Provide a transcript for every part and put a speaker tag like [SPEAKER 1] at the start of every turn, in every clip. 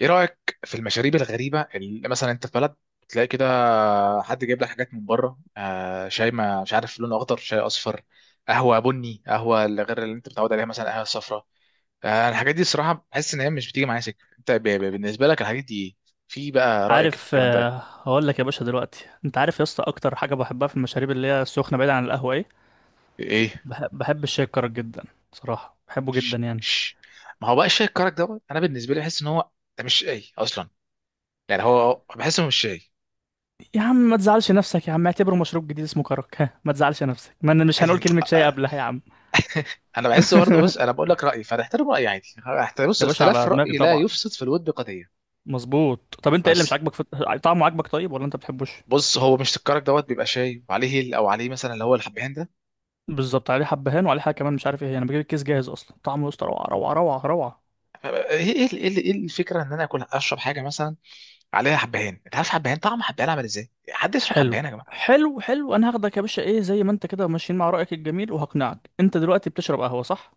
[SPEAKER 1] ايه رايك في المشاريب الغريبه اللي مثلا انت في بلد تلاقي كده، حد جايب لك حاجات من بره، شاي ما مش عارف لونه اخضر، شاي اصفر، قهوه بني، قهوه اللي غير اللي انت متعود عليها، مثلا قهوه صفراء. الحاجات دي الصراحه بحس ان هي مش بتيجي معايا سكه. انت بالنسبه لك الحاجات دي إيه؟ في بقى رايك في
[SPEAKER 2] عارف،
[SPEAKER 1] الكلام ده
[SPEAKER 2] هقول لك يا باشا. دلوقتي انت عارف يا اسطى، اكتر حاجه بحبها في المشاريب اللي هي السخنه بعيد عن القهوه ايه؟
[SPEAKER 1] ايه؟
[SPEAKER 2] بحب الشاي الكرك جدا. صراحه بحبه جدا
[SPEAKER 1] ش
[SPEAKER 2] يعني.
[SPEAKER 1] ش ما هو بقى الشاي الكرك دوت، انا بالنسبه لي بحس ان هو ده مش شاي اصلا، يعني هو بحسه مش شاي.
[SPEAKER 2] يا عم ما تزعلش نفسك، يا عم اعتبره مشروب جديد اسمه كرك. ها، ما تزعلش نفسك، ما أنا مش هنقول
[SPEAKER 1] أي-
[SPEAKER 2] كلمه شاي قبلها يا عم.
[SPEAKER 1] انا بحس برضه. بص انا بقول لك رايي فهتحترم رايي عادي، هحترم. بص
[SPEAKER 2] يا باشا
[SPEAKER 1] الاختلاف
[SPEAKER 2] على دماغي
[SPEAKER 1] الراي لا
[SPEAKER 2] طبعا.
[SPEAKER 1] يفسد في الود قضيه.
[SPEAKER 2] مظبوط. طب انت ايه اللي مش
[SPEAKER 1] بس
[SPEAKER 2] عاجبك في. طعمه عاجبك طيب ولا انت بتحبوش؟
[SPEAKER 1] بص هو مش الكرك دوت بيبقى شاي وعليه هيل، او عليه مثلا اللي هو الحبهان ده.
[SPEAKER 2] بالظبط. عليه حبهان وعليه حاجه كمان مش عارف ايه هي. انا بجيب الكيس جاهز اصلا. طعمه يا اسطى روعه، روعه، روعه، روعه.
[SPEAKER 1] ايه ايه ايه إيه إيه الفكره ان انا اكل اشرب حاجه مثلا عليها حبهان؟ انت عارف حبهان، طعم حبهان عامل ازاي؟ حد يشرب
[SPEAKER 2] حلو،
[SPEAKER 1] حبهان يا جماعه؟
[SPEAKER 2] حلو، حلو. انا هاخدك يا باشا، ايه، زي ما انت كده ماشيين مع رأيك الجميل وهقنعك. انت دلوقتي بتشرب قهوة صح؟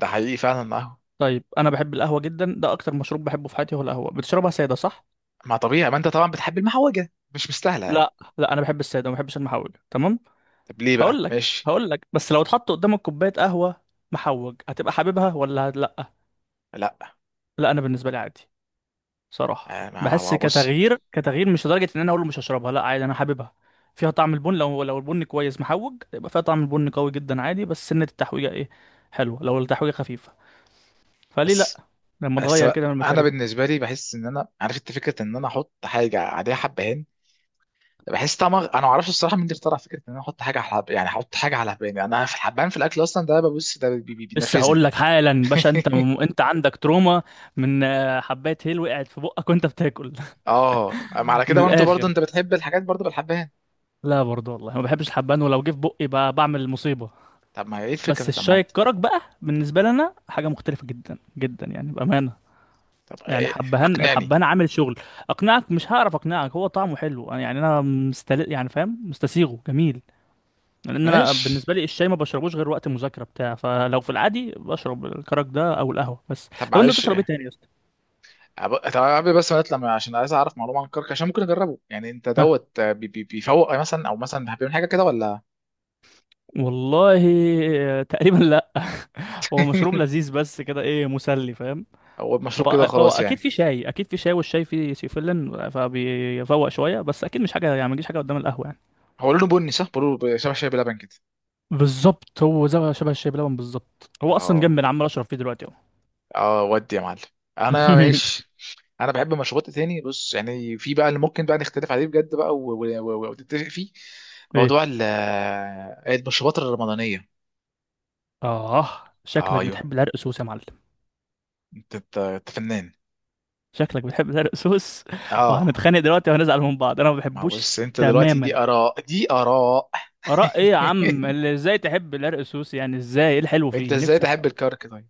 [SPEAKER 1] ده حقيقي فعلا. ما
[SPEAKER 2] طيب. انا بحب القهوة جدا، ده اكتر مشروب بحبه في حياتي هو القهوة. بتشربها سادة صح؟
[SPEAKER 1] ما طبيعي، ما انت طبعا بتحب المحوجه مش مستاهله يعني.
[SPEAKER 2] لا، لا، انا بحب السادة. ما بحبش المحوج. تمام.
[SPEAKER 1] طب ليه
[SPEAKER 2] هقول
[SPEAKER 1] بقى؟
[SPEAKER 2] لك
[SPEAKER 1] ماشي.
[SPEAKER 2] هقول لك، بس لو اتحط قدامك كوباية قهوة محوج هتبقى حاببها ولا لا؟
[SPEAKER 1] لا.
[SPEAKER 2] لا، انا بالنسبة لي عادي. صراحة
[SPEAKER 1] آه، ما
[SPEAKER 2] بحس
[SPEAKER 1] بص.
[SPEAKER 2] كتغيير كتغيير، مش لدرجة ان انا اقول له مش هشربها، لا عادي انا حاببها. فيها طعم البن. لو البن كويس محوج يبقى فيها طعم البن قوي جدا عادي. بس سنة التحويجة ايه؟ حلوة. لو التحويجة خفيفة فليه
[SPEAKER 1] بس
[SPEAKER 2] لا؟ لما
[SPEAKER 1] بس
[SPEAKER 2] تغير كده من
[SPEAKER 1] انا
[SPEAKER 2] الماتيريال.
[SPEAKER 1] بالنسبه لي بحس ان انا عارف انت، فكره ان انا احط حاجه عليها حبهان، بحس طعمها انا ما اعرفش الصراحه. مين اللي اخترع فكره ان انا احط حاجه على يعني احط حاجه على حباني؟ انا في الحبان في الاكل اصلا، ده ببص ده
[SPEAKER 2] لسه
[SPEAKER 1] بينرفزني.
[SPEAKER 2] هقول لك حالا باشا. انت عندك تروما من حباية هيل وقعت في بقك وانت بتاكل.
[SPEAKER 1] اه ما على
[SPEAKER 2] من
[SPEAKER 1] كده، برضه برضه
[SPEAKER 2] الاخر،
[SPEAKER 1] انت بتحب الحاجات برضه بالحبان.
[SPEAKER 2] لا برضه والله ما بحبش الحبان، ولو جه في بقي بقى بعمل مصيبة.
[SPEAKER 1] طب ما هي ايه الفكره؟
[SPEAKER 2] بس
[SPEAKER 1] طب ما
[SPEAKER 2] الشاي
[SPEAKER 1] انت
[SPEAKER 2] الكرك بقى بالنسبة لنا حاجة مختلفة جدا جدا يعني، بأمانة.
[SPEAKER 1] طب
[SPEAKER 2] يعني حبهان،
[SPEAKER 1] اقنعني.
[SPEAKER 2] الحبهان عامل شغل. اقنعك مش هعرف اقنعك، هو طعمه حلو. يعني انا مستل يعني فاهم، مستسيغه جميل. لان انا
[SPEAKER 1] ماشي.
[SPEAKER 2] بالنسبه لي الشاي ما بشربوش غير وقت المذاكره بتاع. فلو في العادي بشرب الكرك ده او القهوه بس.
[SPEAKER 1] طب
[SPEAKER 2] طب انت
[SPEAKER 1] معلش
[SPEAKER 2] بتشرب ايه
[SPEAKER 1] إيه.
[SPEAKER 2] تاني يا اسطى؟
[SPEAKER 1] طب قبل بس ما نطلع من- عشان عايز اعرف معلومه عن الكرك عشان ممكن اجربه يعني. انت
[SPEAKER 2] ها،
[SPEAKER 1] دوت، بيفوق مثلا، او مثلا بيعمل حاجه كده ولا؟
[SPEAKER 2] والله. تقريبا لا. هو مشروب لذيذ بس كده، ايه، مسلي فاهم.
[SPEAKER 1] هو مشروب كده
[SPEAKER 2] هو
[SPEAKER 1] وخلاص
[SPEAKER 2] اكيد
[SPEAKER 1] يعني.
[SPEAKER 2] في شاي، اكيد في شاي، والشاي فيه سيفلين فبيفوق شويه. بس اكيد مش حاجه يعني، ما تجيش حاجه قدام القهوه يعني.
[SPEAKER 1] هو لونه بني صح، بيقولوا شبه شاي بلبن كده.
[SPEAKER 2] بالظبط. هو زي شبه الشاي بلبن بالظبط. هو اصلا جنب،
[SPEAKER 1] اه.
[SPEAKER 2] انا عمال اشرب فيه دلوقتي اهو.
[SPEAKER 1] اه ودي يا معلم. انا ماشي. انا بحب مشروبات تاني. بص يعني في بقى اللي ممكن بقى نختلف عليه بجد بقى ونتفق فيه.
[SPEAKER 2] ايه.
[SPEAKER 1] موضوع المشروبات الرمضانيه.
[SPEAKER 2] اه،
[SPEAKER 1] آه
[SPEAKER 2] شكلك
[SPEAKER 1] ايوه.
[SPEAKER 2] بتحب العرق سوس يا معلم؟
[SPEAKER 1] انت انت أنت فنان.
[SPEAKER 2] شكلك بتحب العرق سوس.
[SPEAKER 1] اه
[SPEAKER 2] وهنتخانق دلوقتي وهنزعل من بعض، انا ما
[SPEAKER 1] ما هو
[SPEAKER 2] بحبوش.
[SPEAKER 1] بص، انت دلوقتي دي
[SPEAKER 2] تماما.
[SPEAKER 1] اراء دي اراء.
[SPEAKER 2] اراء ايه يا عم اللي ازاي تحب العرق سوس يعني؟ ازاي؟ ايه الحلو
[SPEAKER 1] انت
[SPEAKER 2] فيه؟
[SPEAKER 1] ازاي
[SPEAKER 2] نفسي
[SPEAKER 1] تحب
[SPEAKER 2] افهم.
[SPEAKER 1] الكرك طيب؟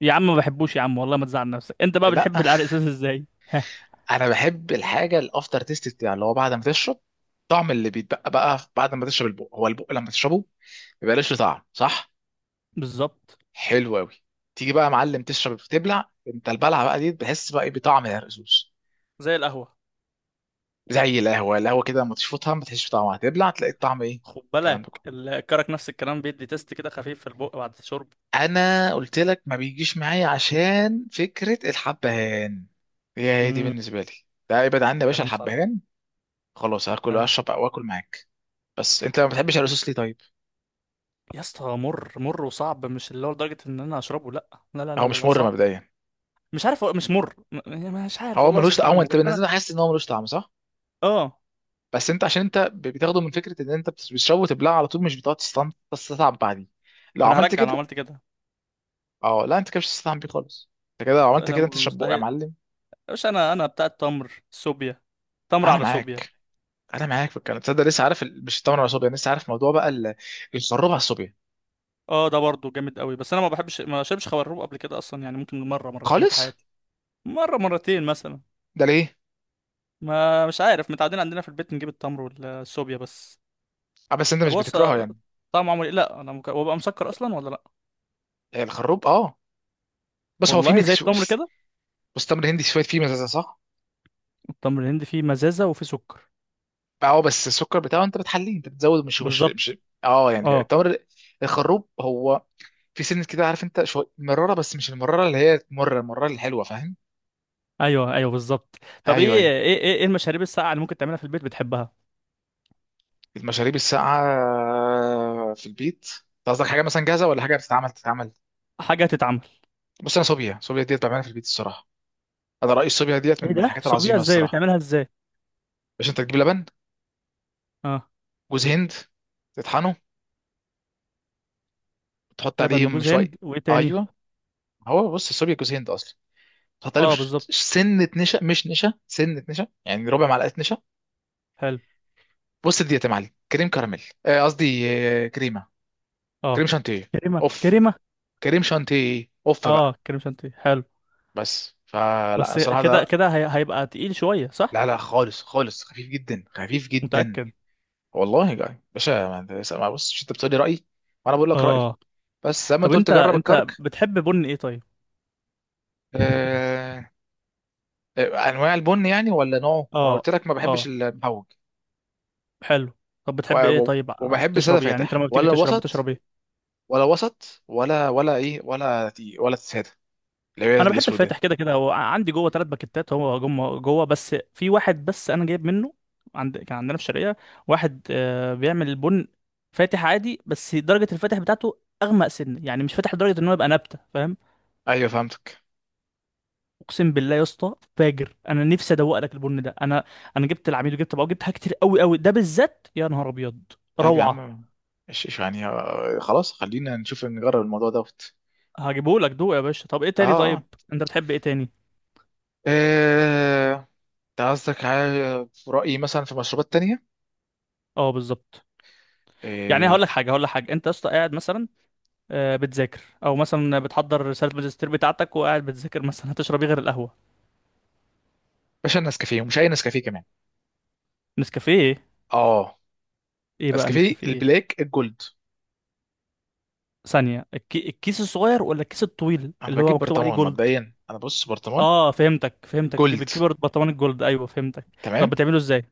[SPEAKER 2] يا عم ما بحبوش يا عم، والله ما تزعل نفسك. انت بقى بتحب
[SPEAKER 1] لا.
[SPEAKER 2] العرق سوس ازاي؟ ها.
[SPEAKER 1] انا بحب الحاجه الافتر تيست بتاع، اللي هو بعد ما تشرب طعم اللي بيتبقى بقى بعد ما تشرب البق. هو البق لما تشربه ما بيبقاش له طعم، صح؟
[SPEAKER 2] بالظبط.
[SPEAKER 1] حلو قوي. تيجي بقى يا معلم تشرب تبلع انت البلعه بقى دي بتحس بقى ايه بطعم الرز.
[SPEAKER 2] زي القهوة.
[SPEAKER 1] زي القهوه، القهوه كده لما تشفطها ما تحسش بطعمها، تبلع تلاقي الطعم ايه.
[SPEAKER 2] خد
[SPEAKER 1] الكلام ده
[SPEAKER 2] بالك
[SPEAKER 1] كله
[SPEAKER 2] الكرك نفس الكلام، بيدي تيست كده خفيف في البق بعد الشرب.
[SPEAKER 1] انا قلت لك ما بيجيش معايا عشان فكره الحبهان، هي هي دي
[SPEAKER 2] مم.
[SPEAKER 1] بالنسبه لي. ده ابعد عني يا باشا
[SPEAKER 2] كلام صح.
[SPEAKER 1] الحبهان. خلاص هاكل واشرب واكل معاك. بس انت ما بتحبش الرصاص ليه طيب؟
[SPEAKER 2] يا اسطى مر مر وصعب، مش اللي هو لدرجة ان انا اشربه، لا، لا، لا، لا،
[SPEAKER 1] هو
[SPEAKER 2] لا،
[SPEAKER 1] مش
[SPEAKER 2] لا،
[SPEAKER 1] مر
[SPEAKER 2] صعب.
[SPEAKER 1] مبدئيا،
[SPEAKER 2] مش عارف. مش مر. يعني مش عارف
[SPEAKER 1] هو
[SPEAKER 2] والله اوصف
[SPEAKER 1] ملوش. هو
[SPEAKER 2] طعمه،
[SPEAKER 1] انت
[SPEAKER 2] بس انا.
[SPEAKER 1] بالنسبه لك حاسس ان هو ملوش طعم، صح؟
[SPEAKER 2] اه،
[SPEAKER 1] بس انت عشان انت بتاخده من فكره ان انت بتشربه وتبلعه على طول، مش بتقعد تستطعم بعديه. لو
[SPEAKER 2] ده انا
[SPEAKER 1] عملت
[SPEAKER 2] هرجع لو
[SPEAKER 1] كده.
[SPEAKER 2] عملت كده.
[SPEAKER 1] اه لا، انت كده مش هتستطعم بيه خالص. انت كده لو عملت
[SPEAKER 2] أنا
[SPEAKER 1] كده انت شبوق يا
[SPEAKER 2] مستحيل.
[SPEAKER 1] معلم.
[SPEAKER 2] مش انا بتاع التمر صوبيا، تمر
[SPEAKER 1] انا
[SPEAKER 2] على صوبيا.
[SPEAKER 1] معاك. انا معاك في الكلام. تصدق لسه عارف مش التمر ولا الصوبيا، لسه عارف موضوع بقى الخروب على الصوبيا.
[SPEAKER 2] اه، ده برضه جامد قوي، بس انا ما بحبش، ما شربش خروب قبل كده اصلا يعني، ممكن مرة مرتين في
[SPEAKER 1] خالص.
[SPEAKER 2] حياتي، مرة مرتين مثلا.
[SPEAKER 1] ده ليه؟
[SPEAKER 2] ما مش عارف، متعودين عندنا في البيت نجيب التمر والصوبيا بس.
[SPEAKER 1] اه بس انت
[SPEAKER 2] طب
[SPEAKER 1] مش بتكرهه يعني.
[SPEAKER 2] طعمه عامل ايه؟ لا انا وابقى مسكر اصلا ولا لا؟
[SPEAKER 1] هي الخروب اه، بس هو فيه
[SPEAKER 2] والله زي
[SPEAKER 1] ميكس.
[SPEAKER 2] التمر كده.
[SPEAKER 1] بس تمر هندي شويه فيه مزازه، صح؟
[SPEAKER 2] التمر الهندي فيه مزازة وفيه سكر.
[SPEAKER 1] اه بس السكر بتاعه انت بتحليه انت بتزود، مش مش
[SPEAKER 2] بالظبط.
[SPEAKER 1] مش اه يعني
[SPEAKER 2] اه،
[SPEAKER 1] التمر، الخروب هو في سنة كده، عارف انت شوية مرارة، بس مش المرارة اللي هي تمر، المرارة الحلوة، فاهم؟
[SPEAKER 2] ايوه، ايوه بالظبط. طب
[SPEAKER 1] ايوه
[SPEAKER 2] ايه
[SPEAKER 1] ايوه.
[SPEAKER 2] ايه ايه إيه المشاريب الساقعة اللي ممكن تعملها في البيت بتحبها؟
[SPEAKER 1] المشاريب الساقعة في البيت. انت قصدك حاجة مثلا جاهزة، ولا حاجة بتتعمل تتعمل؟
[SPEAKER 2] حاجة تتعمل.
[SPEAKER 1] بص انا صوبيا، صوبيا ديت بعملها في البيت الصراحة. انا رأيي الصوبيا ديت من
[SPEAKER 2] ايه
[SPEAKER 1] من
[SPEAKER 2] ده؟
[SPEAKER 1] الحاجات
[SPEAKER 2] سوبيا
[SPEAKER 1] العظيمة
[SPEAKER 2] ازاي
[SPEAKER 1] الصراحة.
[SPEAKER 2] بتعملها، ازاي؟
[SPEAKER 1] باش انت تجيب لبن،
[SPEAKER 2] اه،
[SPEAKER 1] جوز هند، تطحنه، تحط
[SPEAKER 2] لبن
[SPEAKER 1] عليه
[SPEAKER 2] وجوز
[SPEAKER 1] شوية.
[SPEAKER 2] هند وايه تاني؟
[SPEAKER 1] ايوه. هو بص الصوبيا جوز هند اصلا، تحط عليه
[SPEAKER 2] اه
[SPEAKER 1] مش
[SPEAKER 2] بالظبط،
[SPEAKER 1] سنة نشا، مش نشا سنة نشا، يعني ربع معلقة نشا.
[SPEAKER 2] حلو.
[SPEAKER 1] بص ديت يا معلم كريم كراميل، قصدي كريمة، كريم
[SPEAKER 2] اه،
[SPEAKER 1] شانتيه.
[SPEAKER 2] كريمة،
[SPEAKER 1] اوف.
[SPEAKER 2] كريمة.
[SPEAKER 1] كريم شانتيه اوف
[SPEAKER 2] اه
[SPEAKER 1] بقى.
[SPEAKER 2] كريم شانتيه، حلو.
[SPEAKER 1] بس فلا
[SPEAKER 2] بس
[SPEAKER 1] صراحه
[SPEAKER 2] كده
[SPEAKER 1] ده.
[SPEAKER 2] كده، هيبقى تقيل شوية صح؟
[SPEAKER 1] لا لا خالص خالص، خفيف جدا خفيف جدا.
[SPEAKER 2] متأكد؟
[SPEAKER 1] والله يا جاي باشا، ما بص، مش انت بتقولي رايي وانا بقول لك رايي؟
[SPEAKER 2] اه.
[SPEAKER 1] بس زي ما
[SPEAKER 2] طب
[SPEAKER 1] انت قلت
[SPEAKER 2] انت
[SPEAKER 1] جرب
[SPEAKER 2] انت
[SPEAKER 1] الكرك.
[SPEAKER 2] بتحب بن ايه طيب؟
[SPEAKER 1] آه... انواع البن يعني ولا نوعه؟ انا
[SPEAKER 2] اه،
[SPEAKER 1] قلت لك ما بحبش
[SPEAKER 2] اه،
[SPEAKER 1] المهوج.
[SPEAKER 2] حلو. طب بتحب ايه طيب،
[SPEAKER 1] وبحب ساده
[SPEAKER 2] بتشرب ايه يعني؟ انت
[SPEAKER 1] فاتح
[SPEAKER 2] لما بتيجي
[SPEAKER 1] ولا
[SPEAKER 2] تشرب،
[SPEAKER 1] وسط،
[SPEAKER 2] بتشرب ايه؟
[SPEAKER 1] ولا وسط ولا ولا ايه، ولا تي ولا ساده اللي هي
[SPEAKER 2] انا بحب الفاتح.
[SPEAKER 1] الاسودة.
[SPEAKER 2] كده كده هو عندي جوه ثلاث باكيتات، هو جوه جوه بس في واحد بس انا جايب منه. كان عندنا في الشرقيه واحد بيعمل البن فاتح عادي، بس درجه الفاتح بتاعته اغمق سن يعني، مش فاتح لدرجه ان هو يبقى نبته فاهم.
[SPEAKER 1] ايوه فهمتك.
[SPEAKER 2] اقسم بالله يا اسطى فاجر، انا نفسي ادوق لك البن ده. انا جبت العميل وجبت بقى وجبت حاجات كتير قوي قوي، ده بالذات يا نهار ابيض.
[SPEAKER 1] طيب يا
[SPEAKER 2] روعه.
[SPEAKER 1] عم. إيش يعني، خلاص خلينا نشوف نجرب الموضوع ده.
[SPEAKER 2] هجيبه لك دوق يا باشا. طب ايه تاني
[SPEAKER 1] اه
[SPEAKER 2] طيب؟
[SPEAKER 1] اه.
[SPEAKER 2] انت بتحب ايه تاني؟
[SPEAKER 1] آه، انت قصدك على في رأيي مثلا في مشروبات تانية؟
[SPEAKER 2] اه بالظبط. يعني
[SPEAKER 1] آه،
[SPEAKER 2] هقول لك حاجه، انت يا اسطى قاعد مثلا بتذاكر او مثلا بتحضر رساله ماجستير بتاعتك وقاعد بتذاكر مثلا، هتشرب ايه غير القهوه؟
[SPEAKER 1] باشا النسكافيه، ومش أي نسكافيه كمان.
[SPEAKER 2] نسكافيه ايه؟
[SPEAKER 1] اه،
[SPEAKER 2] إيه بقى
[SPEAKER 1] نسكافيه
[SPEAKER 2] النسكافيه ايه؟
[SPEAKER 1] البلاك الجولد.
[SPEAKER 2] ثانيه، الكيس الصغير ولا الكيس الطويل
[SPEAKER 1] أنا
[SPEAKER 2] اللي هو
[SPEAKER 1] بجيب
[SPEAKER 2] مكتوب عليه
[SPEAKER 1] برطمان
[SPEAKER 2] جولد؟
[SPEAKER 1] مبدئيا، أنا بص برطمان
[SPEAKER 2] اه فهمتك فهمتك،
[SPEAKER 1] الجولد.
[SPEAKER 2] بتكبر برطمان الجولد، ايوه فهمتك. طب
[SPEAKER 1] تمام.
[SPEAKER 2] بتعمله ازاي؟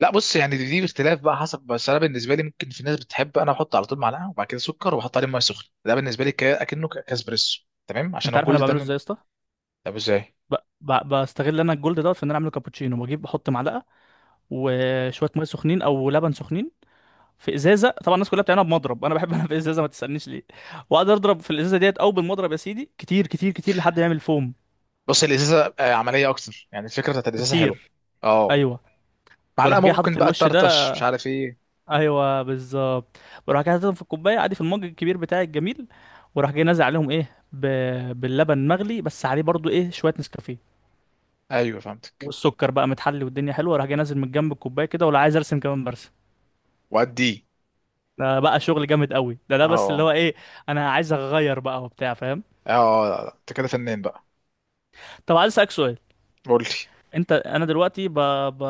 [SPEAKER 1] لا بص يعني دي اختلاف بقى حسب، بس أنا بالنسبة لي ممكن في ناس بتحب، أنا أحط على طول معلقة وبعد كده سكر وأحط عليه مية سخنة، ده بالنسبة لي أكنه كاسبريسو. تمام، عشان
[SPEAKER 2] انت عارف انا
[SPEAKER 1] الجولد ده
[SPEAKER 2] بعمله
[SPEAKER 1] من.
[SPEAKER 2] ازاي يا اسطى؟
[SPEAKER 1] طب إزاي؟
[SPEAKER 2] ب... بستغل انا الجولد دوت في ان انا اعمله كابتشينو. بجيب بحط معلقه وشويه ميه سخنين او لبن سخنين. في ازازه. طبعا الناس كلها بتعملها بمضرب، انا بحب انا في ازازه، ما تسالنيش ليه. واقعد اضرب في الازازه ديت او بالمضرب يا سيدي، كتير كتير كتير لحد ما يعمل فوم.
[SPEAKER 1] بص الإزازة عملية أكتر يعني، الفكرة بتاعت الإزازة حلوة.
[SPEAKER 2] بكتير.
[SPEAKER 1] اه.
[SPEAKER 2] ايوه.
[SPEAKER 1] معلقة
[SPEAKER 2] وبروح جاي حاطط
[SPEAKER 1] ممكن بقى
[SPEAKER 2] الوش ده.
[SPEAKER 1] تطرطش مش عارف إيه.
[SPEAKER 2] ايوه بالظبط. بروح جاي حاططهم في الكوبايه عادي، في المج الكبير بتاعي الجميل، وراح جاي نازل عليهم ايه، باللبن مغلي، بس عليه برضو ايه شويه نسكافيه.
[SPEAKER 1] ايوه فهمتك.
[SPEAKER 2] والسكر بقى متحلي والدنيا حلوه، راح جاي نازل من جنب الكوبايه كده، ولا عايز ارسم كمان برسم.
[SPEAKER 1] وادي.
[SPEAKER 2] ده بقى شغل جامد قوي. ده بس اللي هو
[SPEAKER 1] اه.
[SPEAKER 2] ايه، انا عايز اغير بقى وبتاع فاهم.
[SPEAKER 1] اه لا، لا، انت كده فنان بقى.
[SPEAKER 2] طب عايز اسالك سؤال.
[SPEAKER 1] قولي.
[SPEAKER 2] انا دلوقتي ب...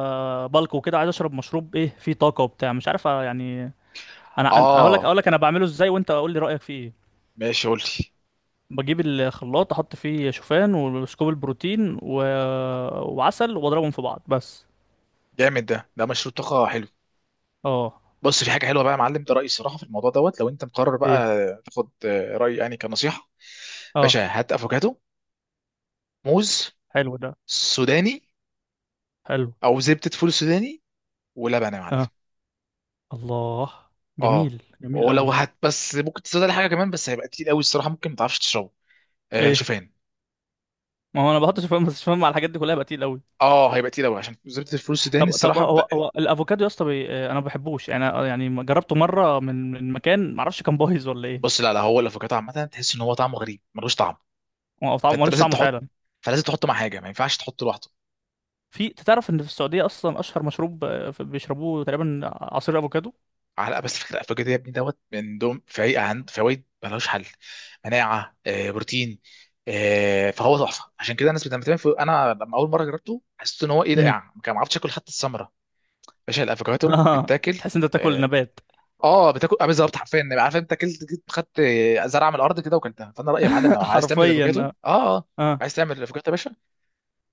[SPEAKER 2] بلقو كده عايز اشرب مشروب ايه فيه طاقه وبتاع مش عارف يعني.
[SPEAKER 1] اه
[SPEAKER 2] اقول لك انا بعمله ازاي، وانت قول لي رايك فيه ايه.
[SPEAKER 1] ماشي قولي.
[SPEAKER 2] بجيب الخلاط، احط فيه شوفان وسكوب البروتين وعسل، واضربهم في بعض بس.
[SPEAKER 1] جامد ده، ده مشروع طاقه حلو.
[SPEAKER 2] اه،
[SPEAKER 1] بص في حاجه حلوه بقى يا معلم، ده رايي الصراحه في الموضوع دوت لو انت مقرر
[SPEAKER 2] ايه،
[SPEAKER 1] بقى تاخد رايي يعني كنصيحه.
[SPEAKER 2] اه
[SPEAKER 1] باشا، هات افوكادو، موز،
[SPEAKER 2] حلو، ده
[SPEAKER 1] سوداني،
[SPEAKER 2] حلو.
[SPEAKER 1] او زبده فول سوداني، ولبن يا معلم.
[SPEAKER 2] اه الله.
[SPEAKER 1] اه.
[SPEAKER 2] جميل جميل
[SPEAKER 1] ولو
[SPEAKER 2] قوي.
[SPEAKER 1] هات بس ممكن تزود على حاجه كمان، بس هيبقى كتير قوي الصراحه ممكن ما تعرفش تشربه. آه
[SPEAKER 2] ايه،
[SPEAKER 1] شوفان.
[SPEAKER 2] ما هو انا بحط شوفان، بس شوفان مع الحاجات دي كلها بقى تقيل قوي.
[SPEAKER 1] اه هيبقى تقيل قوي عشان زبده الفول السوداني
[SPEAKER 2] طب
[SPEAKER 1] الصراحه.
[SPEAKER 2] هو الافوكادو يا اسطى، انا ما بحبوش يعني، يعني ما جربته مره من مكان ما اعرفش كان بايظ ولا
[SPEAKER 1] بص
[SPEAKER 2] ايه.
[SPEAKER 1] لا لا، هو الافوكادو عامه تحس ان هو طعمه غريب ملوش طعم،
[SPEAKER 2] هو طعمه
[SPEAKER 1] فانت
[SPEAKER 2] ملوش
[SPEAKER 1] لازم
[SPEAKER 2] طعم
[SPEAKER 1] تحط،
[SPEAKER 2] فعلا.
[SPEAKER 1] فلازم تحطه مع حاجه ما ينفعش تحطه لوحده.
[SPEAKER 2] أنت تعرف ان في السعوديه اصلا اشهر مشروب، بيشربوه تقريبا عصير افوكادو.
[SPEAKER 1] على بس. فكره الافوكادو يا ابني دوت من دوم في عند فوائد ملوش حل، مناعه، بروتين، فهو تحفه. عشان كده الناس بتعمل في. انا لما اول مره جربته حسيت ان هو ايه ده
[SPEAKER 2] امم.
[SPEAKER 1] يعني، ما عرفتش اكل حتى الثمره. باشا الافوكادو بيتاكل.
[SPEAKER 2] تحس إن انت بتاكل
[SPEAKER 1] اه.
[SPEAKER 2] نبات.
[SPEAKER 1] بتاكل بالظبط حرفيا يعني، عارف انت اكلت جيت خدت زرعه من الارض كده وكلتها. فانا رايي يا معلم لو عايز تعمل
[SPEAKER 2] حرفيا،
[SPEAKER 1] الافوكادو
[SPEAKER 2] اه،
[SPEAKER 1] اه اه،
[SPEAKER 2] اه.
[SPEAKER 1] عايز تعمل الافوكادو يا باشا،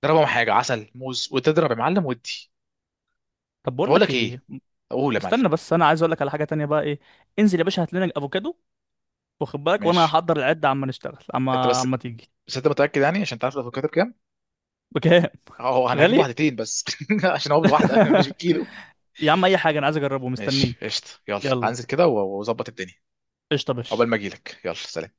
[SPEAKER 1] ضربهم حاجه عسل موز وتضرب يا معلم ودي.
[SPEAKER 2] طب
[SPEAKER 1] طب
[SPEAKER 2] بقول
[SPEAKER 1] اقول
[SPEAKER 2] لك
[SPEAKER 1] لك ايه،
[SPEAKER 2] ايه.
[SPEAKER 1] اقول يا معلم.
[SPEAKER 2] استنى بس، انا عايز اقول لك على حاجه تانية بقى، ايه. انزل يا باشا هات لنا افوكادو، واخد بالك، وانا
[SPEAKER 1] ماشي.
[SPEAKER 2] هحضر العده عما نشتغل،
[SPEAKER 1] انت
[SPEAKER 2] عما
[SPEAKER 1] بس.
[SPEAKER 2] عما تيجي.
[SPEAKER 1] بس انت متاكد يعني، عشان تعرف الافوكاتو بكام؟
[SPEAKER 2] بكام؟
[SPEAKER 1] اه انا هجيب
[SPEAKER 2] غالي.
[SPEAKER 1] واحدتين بس، عشان هو بالواحده مش بالكيلو.
[SPEAKER 2] يا عم اي حاجه، انا عايز اجربه
[SPEAKER 1] ماشي
[SPEAKER 2] مستنيك.
[SPEAKER 1] قشطه، يلا
[SPEAKER 2] يلا.
[SPEAKER 1] هنزل كده واظبط الدنيا.
[SPEAKER 2] قشطه يا
[SPEAKER 1] عقبال
[SPEAKER 2] باشا.
[SPEAKER 1] ما اجيلك، يلا سلام.